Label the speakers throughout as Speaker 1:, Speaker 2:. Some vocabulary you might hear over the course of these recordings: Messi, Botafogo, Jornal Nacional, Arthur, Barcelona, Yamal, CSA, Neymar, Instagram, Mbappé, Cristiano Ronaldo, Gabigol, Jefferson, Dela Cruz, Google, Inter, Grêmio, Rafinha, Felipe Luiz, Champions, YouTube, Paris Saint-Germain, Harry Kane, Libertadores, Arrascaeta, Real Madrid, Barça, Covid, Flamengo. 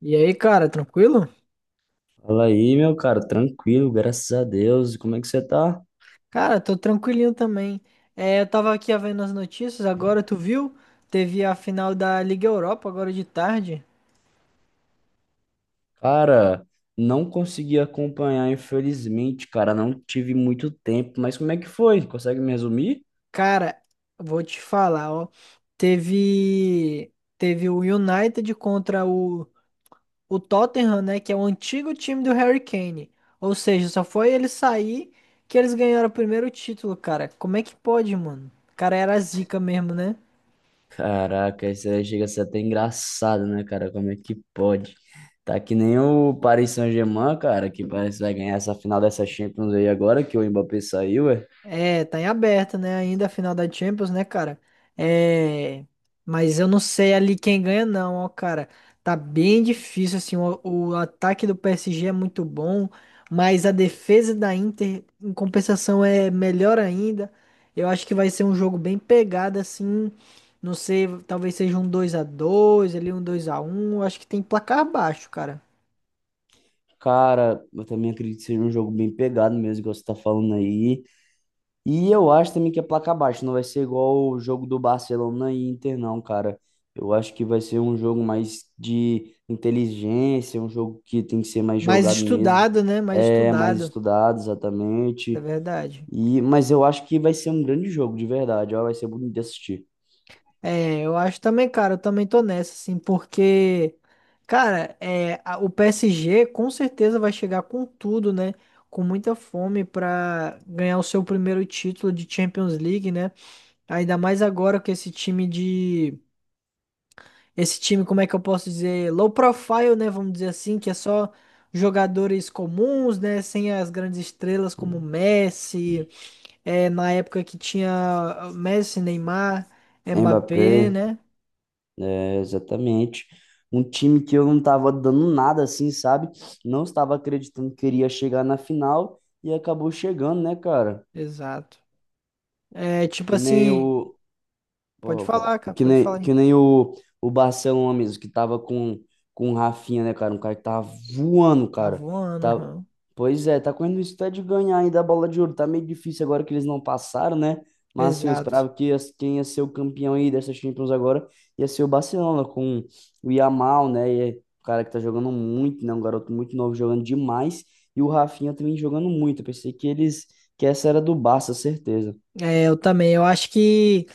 Speaker 1: E aí, cara, tranquilo?
Speaker 2: Fala aí, meu cara, tranquilo, graças a Deus. E como é que você tá?
Speaker 1: Cara, tô tranquilinho também. É, eu tava aqui vendo as notícias, agora tu viu? Teve a final da Liga Europa agora de tarde.
Speaker 2: Cara, não consegui acompanhar, infelizmente, cara, não tive muito tempo, mas como é que foi? Consegue me resumir?
Speaker 1: Cara, vou te falar, ó. Teve teve o United contra o Tottenham, né, que é o antigo time do Harry Kane. Ou seja, só foi ele sair que eles ganharam o primeiro título, cara. Como é que pode, mano? O cara era zica mesmo, né?
Speaker 2: Caraca, isso aí chega a ser até engraçado, né, cara? Como é que pode? Tá que nem o Paris Saint-Germain, cara, que parece que vai ganhar essa final dessa Champions aí agora, que o Mbappé saiu, é.
Speaker 1: É, tá em aberto, né? Ainda a final da Champions, né, cara? É. Mas eu não sei ali quem ganha, não, ó, cara. Tá bem difícil, assim. O ataque do PSG é muito bom, mas a defesa da Inter, em compensação, é melhor ainda. Eu acho que vai ser um jogo bem pegado, assim. Não sei, talvez seja um 2-2, ali um 2x1. Acho que tem placar baixo, cara.
Speaker 2: Cara, eu também acredito que seja um jogo bem pegado mesmo, igual você tá falando aí. E eu acho também que é placa baixa, não vai ser igual o jogo do Barcelona e Inter, não, cara. Eu acho que vai ser um jogo mais de inteligência, um jogo que tem que ser mais
Speaker 1: Mais
Speaker 2: jogado mesmo,
Speaker 1: estudado, né? Mais
Speaker 2: é mais
Speaker 1: estudado,
Speaker 2: estudado
Speaker 1: é
Speaker 2: exatamente.
Speaker 1: verdade.
Speaker 2: E, mas eu acho que vai ser um grande jogo, de verdade, ó, vai ser bonito de assistir.
Speaker 1: É, eu acho também, cara, eu também tô nessa, assim, porque, cara, é, o PSG com certeza vai chegar com tudo, né? Com muita fome pra ganhar o seu primeiro título de Champions League, né? Ainda mais agora que esse time de. Esse time, como é que eu posso dizer? Low profile, né? Vamos dizer assim, que é só jogadores comuns, né? Sem as grandes estrelas como Messi, é, na época que tinha Messi, Neymar,
Speaker 2: Mbappé,
Speaker 1: Mbappé, né?
Speaker 2: é, exatamente. Um time que eu não estava dando nada assim, sabe? Não estava acreditando que iria chegar na final e acabou chegando, né, cara?
Speaker 1: Exato. É tipo
Speaker 2: Que nem
Speaker 1: assim,
Speaker 2: o Pô,
Speaker 1: pode
Speaker 2: vou falar.
Speaker 1: falar, cara,
Speaker 2: Que
Speaker 1: pode
Speaker 2: nem,
Speaker 1: falar. Hein?
Speaker 2: que nem o, o Barcelona mesmo, que tava com o Rafinha, né, cara? Um cara que tava voando,
Speaker 1: Tá
Speaker 2: cara.
Speaker 1: voando,
Speaker 2: Tá...
Speaker 1: aham.
Speaker 2: Pois é, tá correndo isso até de ganhar ainda a bola de ouro. Tá meio difícil agora que eles não passaram, né? Mas assim, eu
Speaker 1: Exato.
Speaker 2: esperava que as- quem ia ser o campeão aí dessa Champions agora ia ser o Barcelona, com o Yamal, né? E é um cara que tá jogando muito, né? Um garoto muito novo jogando demais. E o Rafinha também jogando muito. Eu pensei que eles, que essa era do Barça, certeza.
Speaker 1: É, eu também. Eu acho que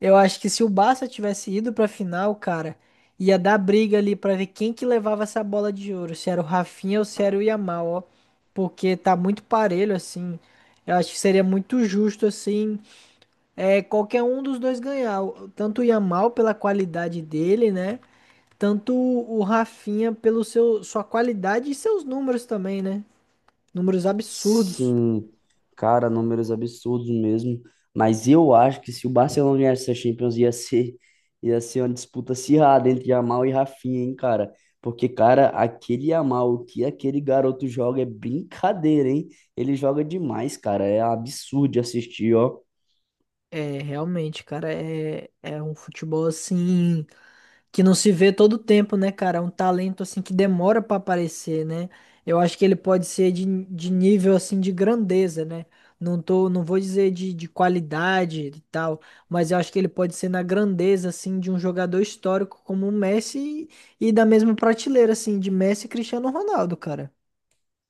Speaker 1: eu acho que se o Barça tivesse ido pra final, cara, ia dar briga ali pra ver quem que levava essa bola de ouro, se era o Rafinha ou se era o Yamal, ó. Porque tá muito parelho assim. Eu acho que seria muito justo assim, é, qualquer um dos dois ganhar, tanto o Yamal pela qualidade dele, né? Tanto o Rafinha pelo seu sua qualidade e seus números também, né? Números absurdos.
Speaker 2: Sim, cara, números absurdos mesmo. Mas eu acho que se o Barcelona ganhasse essa Champions, ia ser uma disputa acirrada entre Yamal e Rafinha, hein, cara? Porque, cara, aquele Yamal, o que aquele garoto joga é brincadeira, hein? Ele joga demais, cara. É absurdo de assistir, ó.
Speaker 1: É, realmente, cara, é, é um futebol assim que não se vê todo tempo, né, cara? É um talento assim que demora pra aparecer, né? Eu acho que ele pode ser de nível assim de grandeza, né? Não tô, não vou dizer de qualidade e tal, mas eu acho que ele pode ser na grandeza assim de um jogador histórico como o Messi e da mesma prateleira assim de Messi e Cristiano Ronaldo, cara.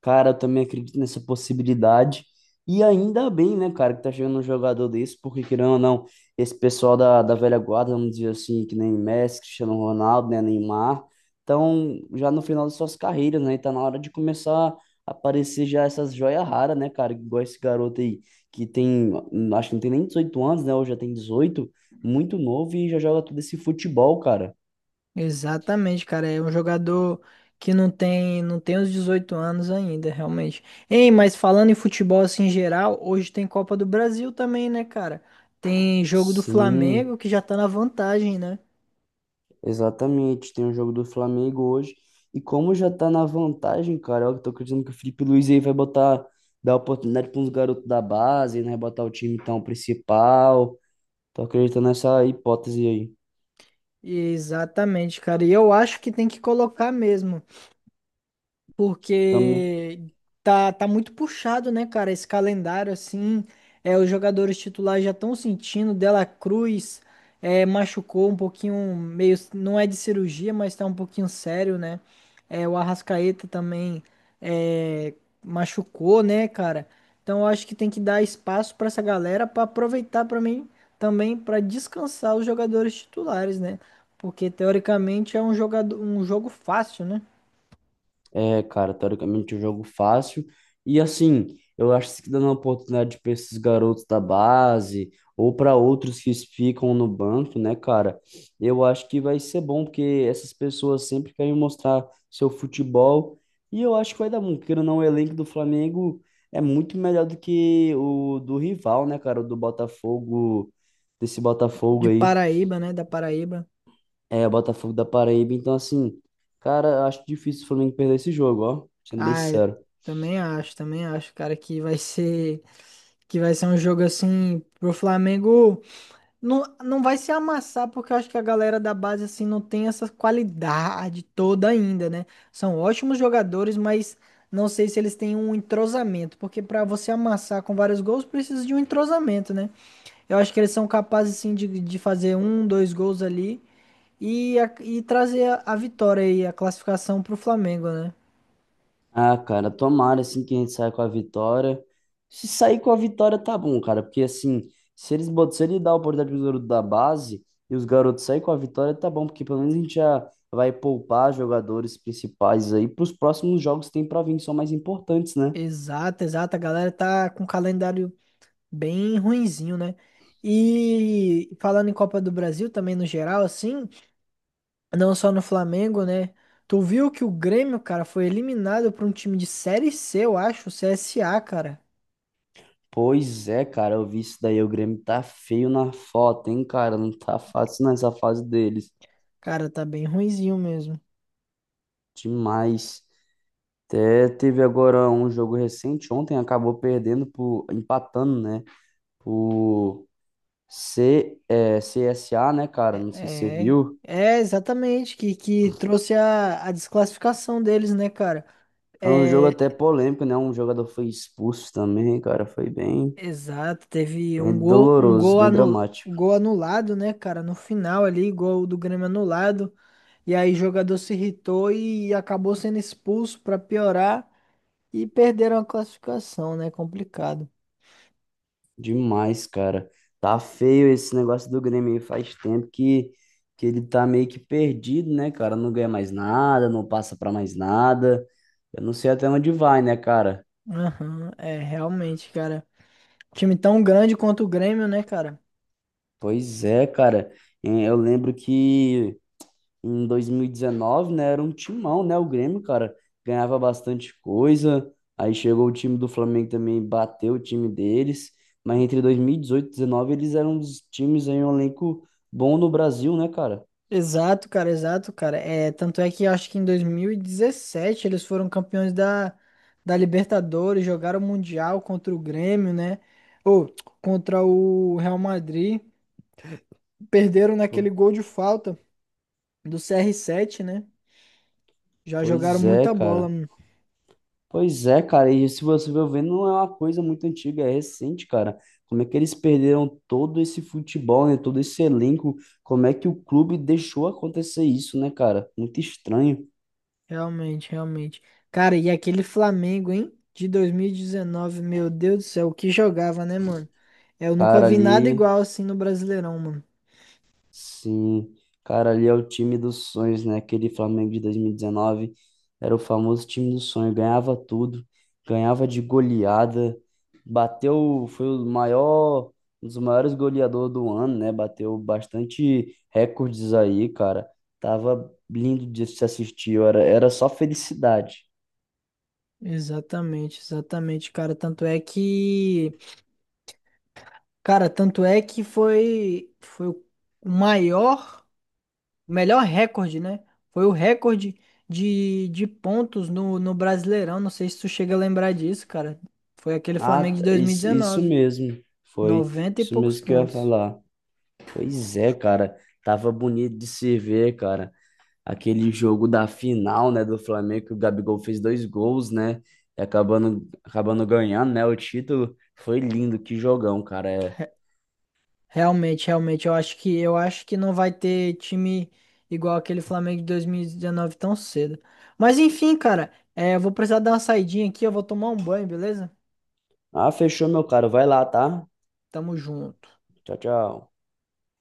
Speaker 2: Cara, eu também acredito nessa possibilidade. E ainda bem, né, cara, que tá chegando um jogador desse, porque querendo ou não, esse pessoal da velha guarda, vamos dizer assim, que nem Messi, Cristiano Ronaldo, né, Neymar, estão já no final das suas carreiras, né? E tá na hora de começar a aparecer já essas joias raras, né, cara? Igual esse garoto aí, que tem, acho que não tem nem 18 anos, né? Ou já tem dezoito, muito novo e já joga todo esse futebol, cara.
Speaker 1: Exatamente, cara. É um jogador que não tem os 18 anos ainda, realmente. Ei, mas falando em futebol assim em geral, hoje tem Copa do Brasil também, né, cara? Tem jogo do
Speaker 2: Sim.
Speaker 1: Flamengo que já tá na vantagem, né?
Speaker 2: Exatamente, tem o jogo do Flamengo hoje. E como já tá na vantagem, cara, eu tô acreditando que o Felipe Luiz aí vai botar, dar oportunidade para uns garotos da base, né? Botar o time então principal. Tô acreditando nessa hipótese aí.
Speaker 1: Exatamente, cara. E eu acho que tem que colocar mesmo.
Speaker 2: Também.
Speaker 1: Porque tá muito puxado, né, cara, esse calendário assim, é, os jogadores titulares já estão sentindo, Dela Cruz é, machucou um pouquinho, meio, não é de cirurgia, mas tá um pouquinho sério, né, é, o Arrascaeta também é, machucou, né, cara, então eu acho que tem que dar espaço pra essa galera pra aproveitar para mim também pra descansar os jogadores titulares, né, porque teoricamente é um jogo fácil, né?
Speaker 2: É, cara, teoricamente é um jogo fácil. E assim, eu acho que dando a oportunidade para esses garotos da base ou para outros que ficam no banco, né, cara? Eu acho que vai ser bom, porque essas pessoas sempre querem mostrar seu futebol. E eu acho que vai dar bom, porque não, o elenco do Flamengo é muito melhor do que o do rival, né, cara? O do Botafogo, desse Botafogo
Speaker 1: De
Speaker 2: aí.
Speaker 1: Paraíba, né? Da Paraíba.
Speaker 2: É, o Botafogo da Paraíba. Então, assim, cara, eu acho difícil o Flamengo perder esse jogo, ó, sendo bem
Speaker 1: Ah, eu
Speaker 2: sincero.
Speaker 1: também acho, cara, que vai ser um jogo assim pro Flamengo não vai se amassar porque eu acho que a galera da base assim não tem essa qualidade toda ainda, né? São ótimos jogadores, mas não sei se eles têm um entrosamento, porque pra você amassar com vários gols precisa de um entrosamento, né? Eu acho que eles são capazes assim de fazer um, dois gols ali. E, e trazer a vitória e a classificação pro Flamengo, né?
Speaker 2: Ah, cara, tomara assim que a gente saia com a vitória. Se sair com a vitória, tá bom, cara, porque assim, se eles botam, se ele dá a oportunidade pro garoto da base e os garotos saírem com a vitória, tá bom, porque pelo menos a gente já vai poupar jogadores principais aí pros próximos jogos que tem pra vir, que são mais importantes, né?
Speaker 1: Exato, exato. A galera tá com um calendário bem ruinzinho, né? E falando em Copa do Brasil também no geral, assim, não só no Flamengo, né? Tu viu que o Grêmio, cara, foi eliminado por um time de Série C, eu acho, o CSA, cara.
Speaker 2: Pois é, cara, eu vi isso daí, o Grêmio tá feio na foto, hein, cara, não tá fácil nessa fase deles.
Speaker 1: Cara, tá bem ruinzinho mesmo.
Speaker 2: Demais. Até teve agora um jogo recente, ontem acabou perdendo por empatando, né? O CSA, né, cara? Não sei se você
Speaker 1: É,
Speaker 2: viu.
Speaker 1: é exatamente, que trouxe a desclassificação deles, né, cara?
Speaker 2: Foi um jogo
Speaker 1: É.
Speaker 2: até polêmico, né? Um jogador foi expulso também, cara. Foi bem,
Speaker 1: Exato, teve
Speaker 2: bem
Speaker 1: um
Speaker 2: doloroso,
Speaker 1: gol,
Speaker 2: bem dramático.
Speaker 1: gol anulado, né, cara? No final ali, gol do Grêmio anulado. E aí o jogador se irritou e acabou sendo expulso pra piorar e perderam a classificação, né? Complicado.
Speaker 2: Demais, cara. Tá feio esse negócio do Grêmio aí. Faz tempo que ele tá meio que perdido, né, cara? Não ganha mais nada, não passa pra mais nada. Eu não sei até onde vai, né, cara?
Speaker 1: Aham, é, realmente, cara. Time tão grande quanto o Grêmio, né, cara?
Speaker 2: Pois é, cara. Eh, eu lembro que em 2019, né? Era um timão, né? O Grêmio, cara, ganhava bastante coisa. Aí chegou o time do Flamengo também, bateu o time deles. Mas entre dois mil e 2019, eles eram os times aí, um elenco bom no Brasil, né, cara?
Speaker 1: Exato, cara, exato, cara. É, tanto é que eu acho que em 2017 eles foram campeões da Libertadores, jogaram o Mundial contra o Grêmio, né? Ou contra o Real Madrid. Perderam
Speaker 2: Pô,
Speaker 1: naquele gol de falta do CR7, né? Já jogaram
Speaker 2: pois é,
Speaker 1: muita bola,
Speaker 2: cara.
Speaker 1: mano.
Speaker 2: Pois é, cara. E se você for ver, não é uma coisa muito antiga, é recente, cara. Como é que eles perderam todo esse futebol, né? Todo esse elenco. Como é que o clube deixou acontecer isso, né, cara? Muito estranho.
Speaker 1: Realmente, realmente. Cara, e aquele Flamengo, hein? De 2019, meu Deus do céu, o que jogava, né, mano? Eu nunca
Speaker 2: Cara,
Speaker 1: vi nada
Speaker 2: ali...
Speaker 1: igual assim no Brasileirão, mano.
Speaker 2: Sim, cara, ali é o time dos sonhos, né? Aquele Flamengo de 2019 era o famoso time do sonho, ganhava tudo, ganhava de goleada, bateu, foi o maior, um dos maiores goleadores do ano, né? Bateu bastante recordes aí, cara. Tava lindo de se assistir, era, era só felicidade.
Speaker 1: Exatamente, exatamente, cara. Tanto é que, cara, tanto é que foi o maior, o melhor recorde, né? Foi o recorde de pontos no Brasileirão. Não sei se tu chega a lembrar disso, cara. Foi aquele
Speaker 2: Ah,
Speaker 1: Flamengo de
Speaker 2: tá,
Speaker 1: dois mil e
Speaker 2: isso
Speaker 1: dezenove,
Speaker 2: mesmo, foi
Speaker 1: noventa e
Speaker 2: isso
Speaker 1: poucos
Speaker 2: mesmo que eu ia
Speaker 1: pontos.
Speaker 2: falar. Pois é, cara, tava bonito de se ver, cara. Aquele jogo da final, né, do Flamengo, que o Gabigol fez dois gols, né, e acabando, acabando ganhando, né, o título. Foi lindo, que jogão, cara. É.
Speaker 1: Re- Realmente, realmente, eu acho que não vai ter time igual aquele Flamengo de 2019 tão cedo. Mas enfim, cara, é, eu vou precisar dar uma saidinha aqui, eu vou tomar um banho, beleza?
Speaker 2: Ah, fechou, meu caro. Vai lá, tá?
Speaker 1: Tamo junto.
Speaker 2: Tchau, tchau.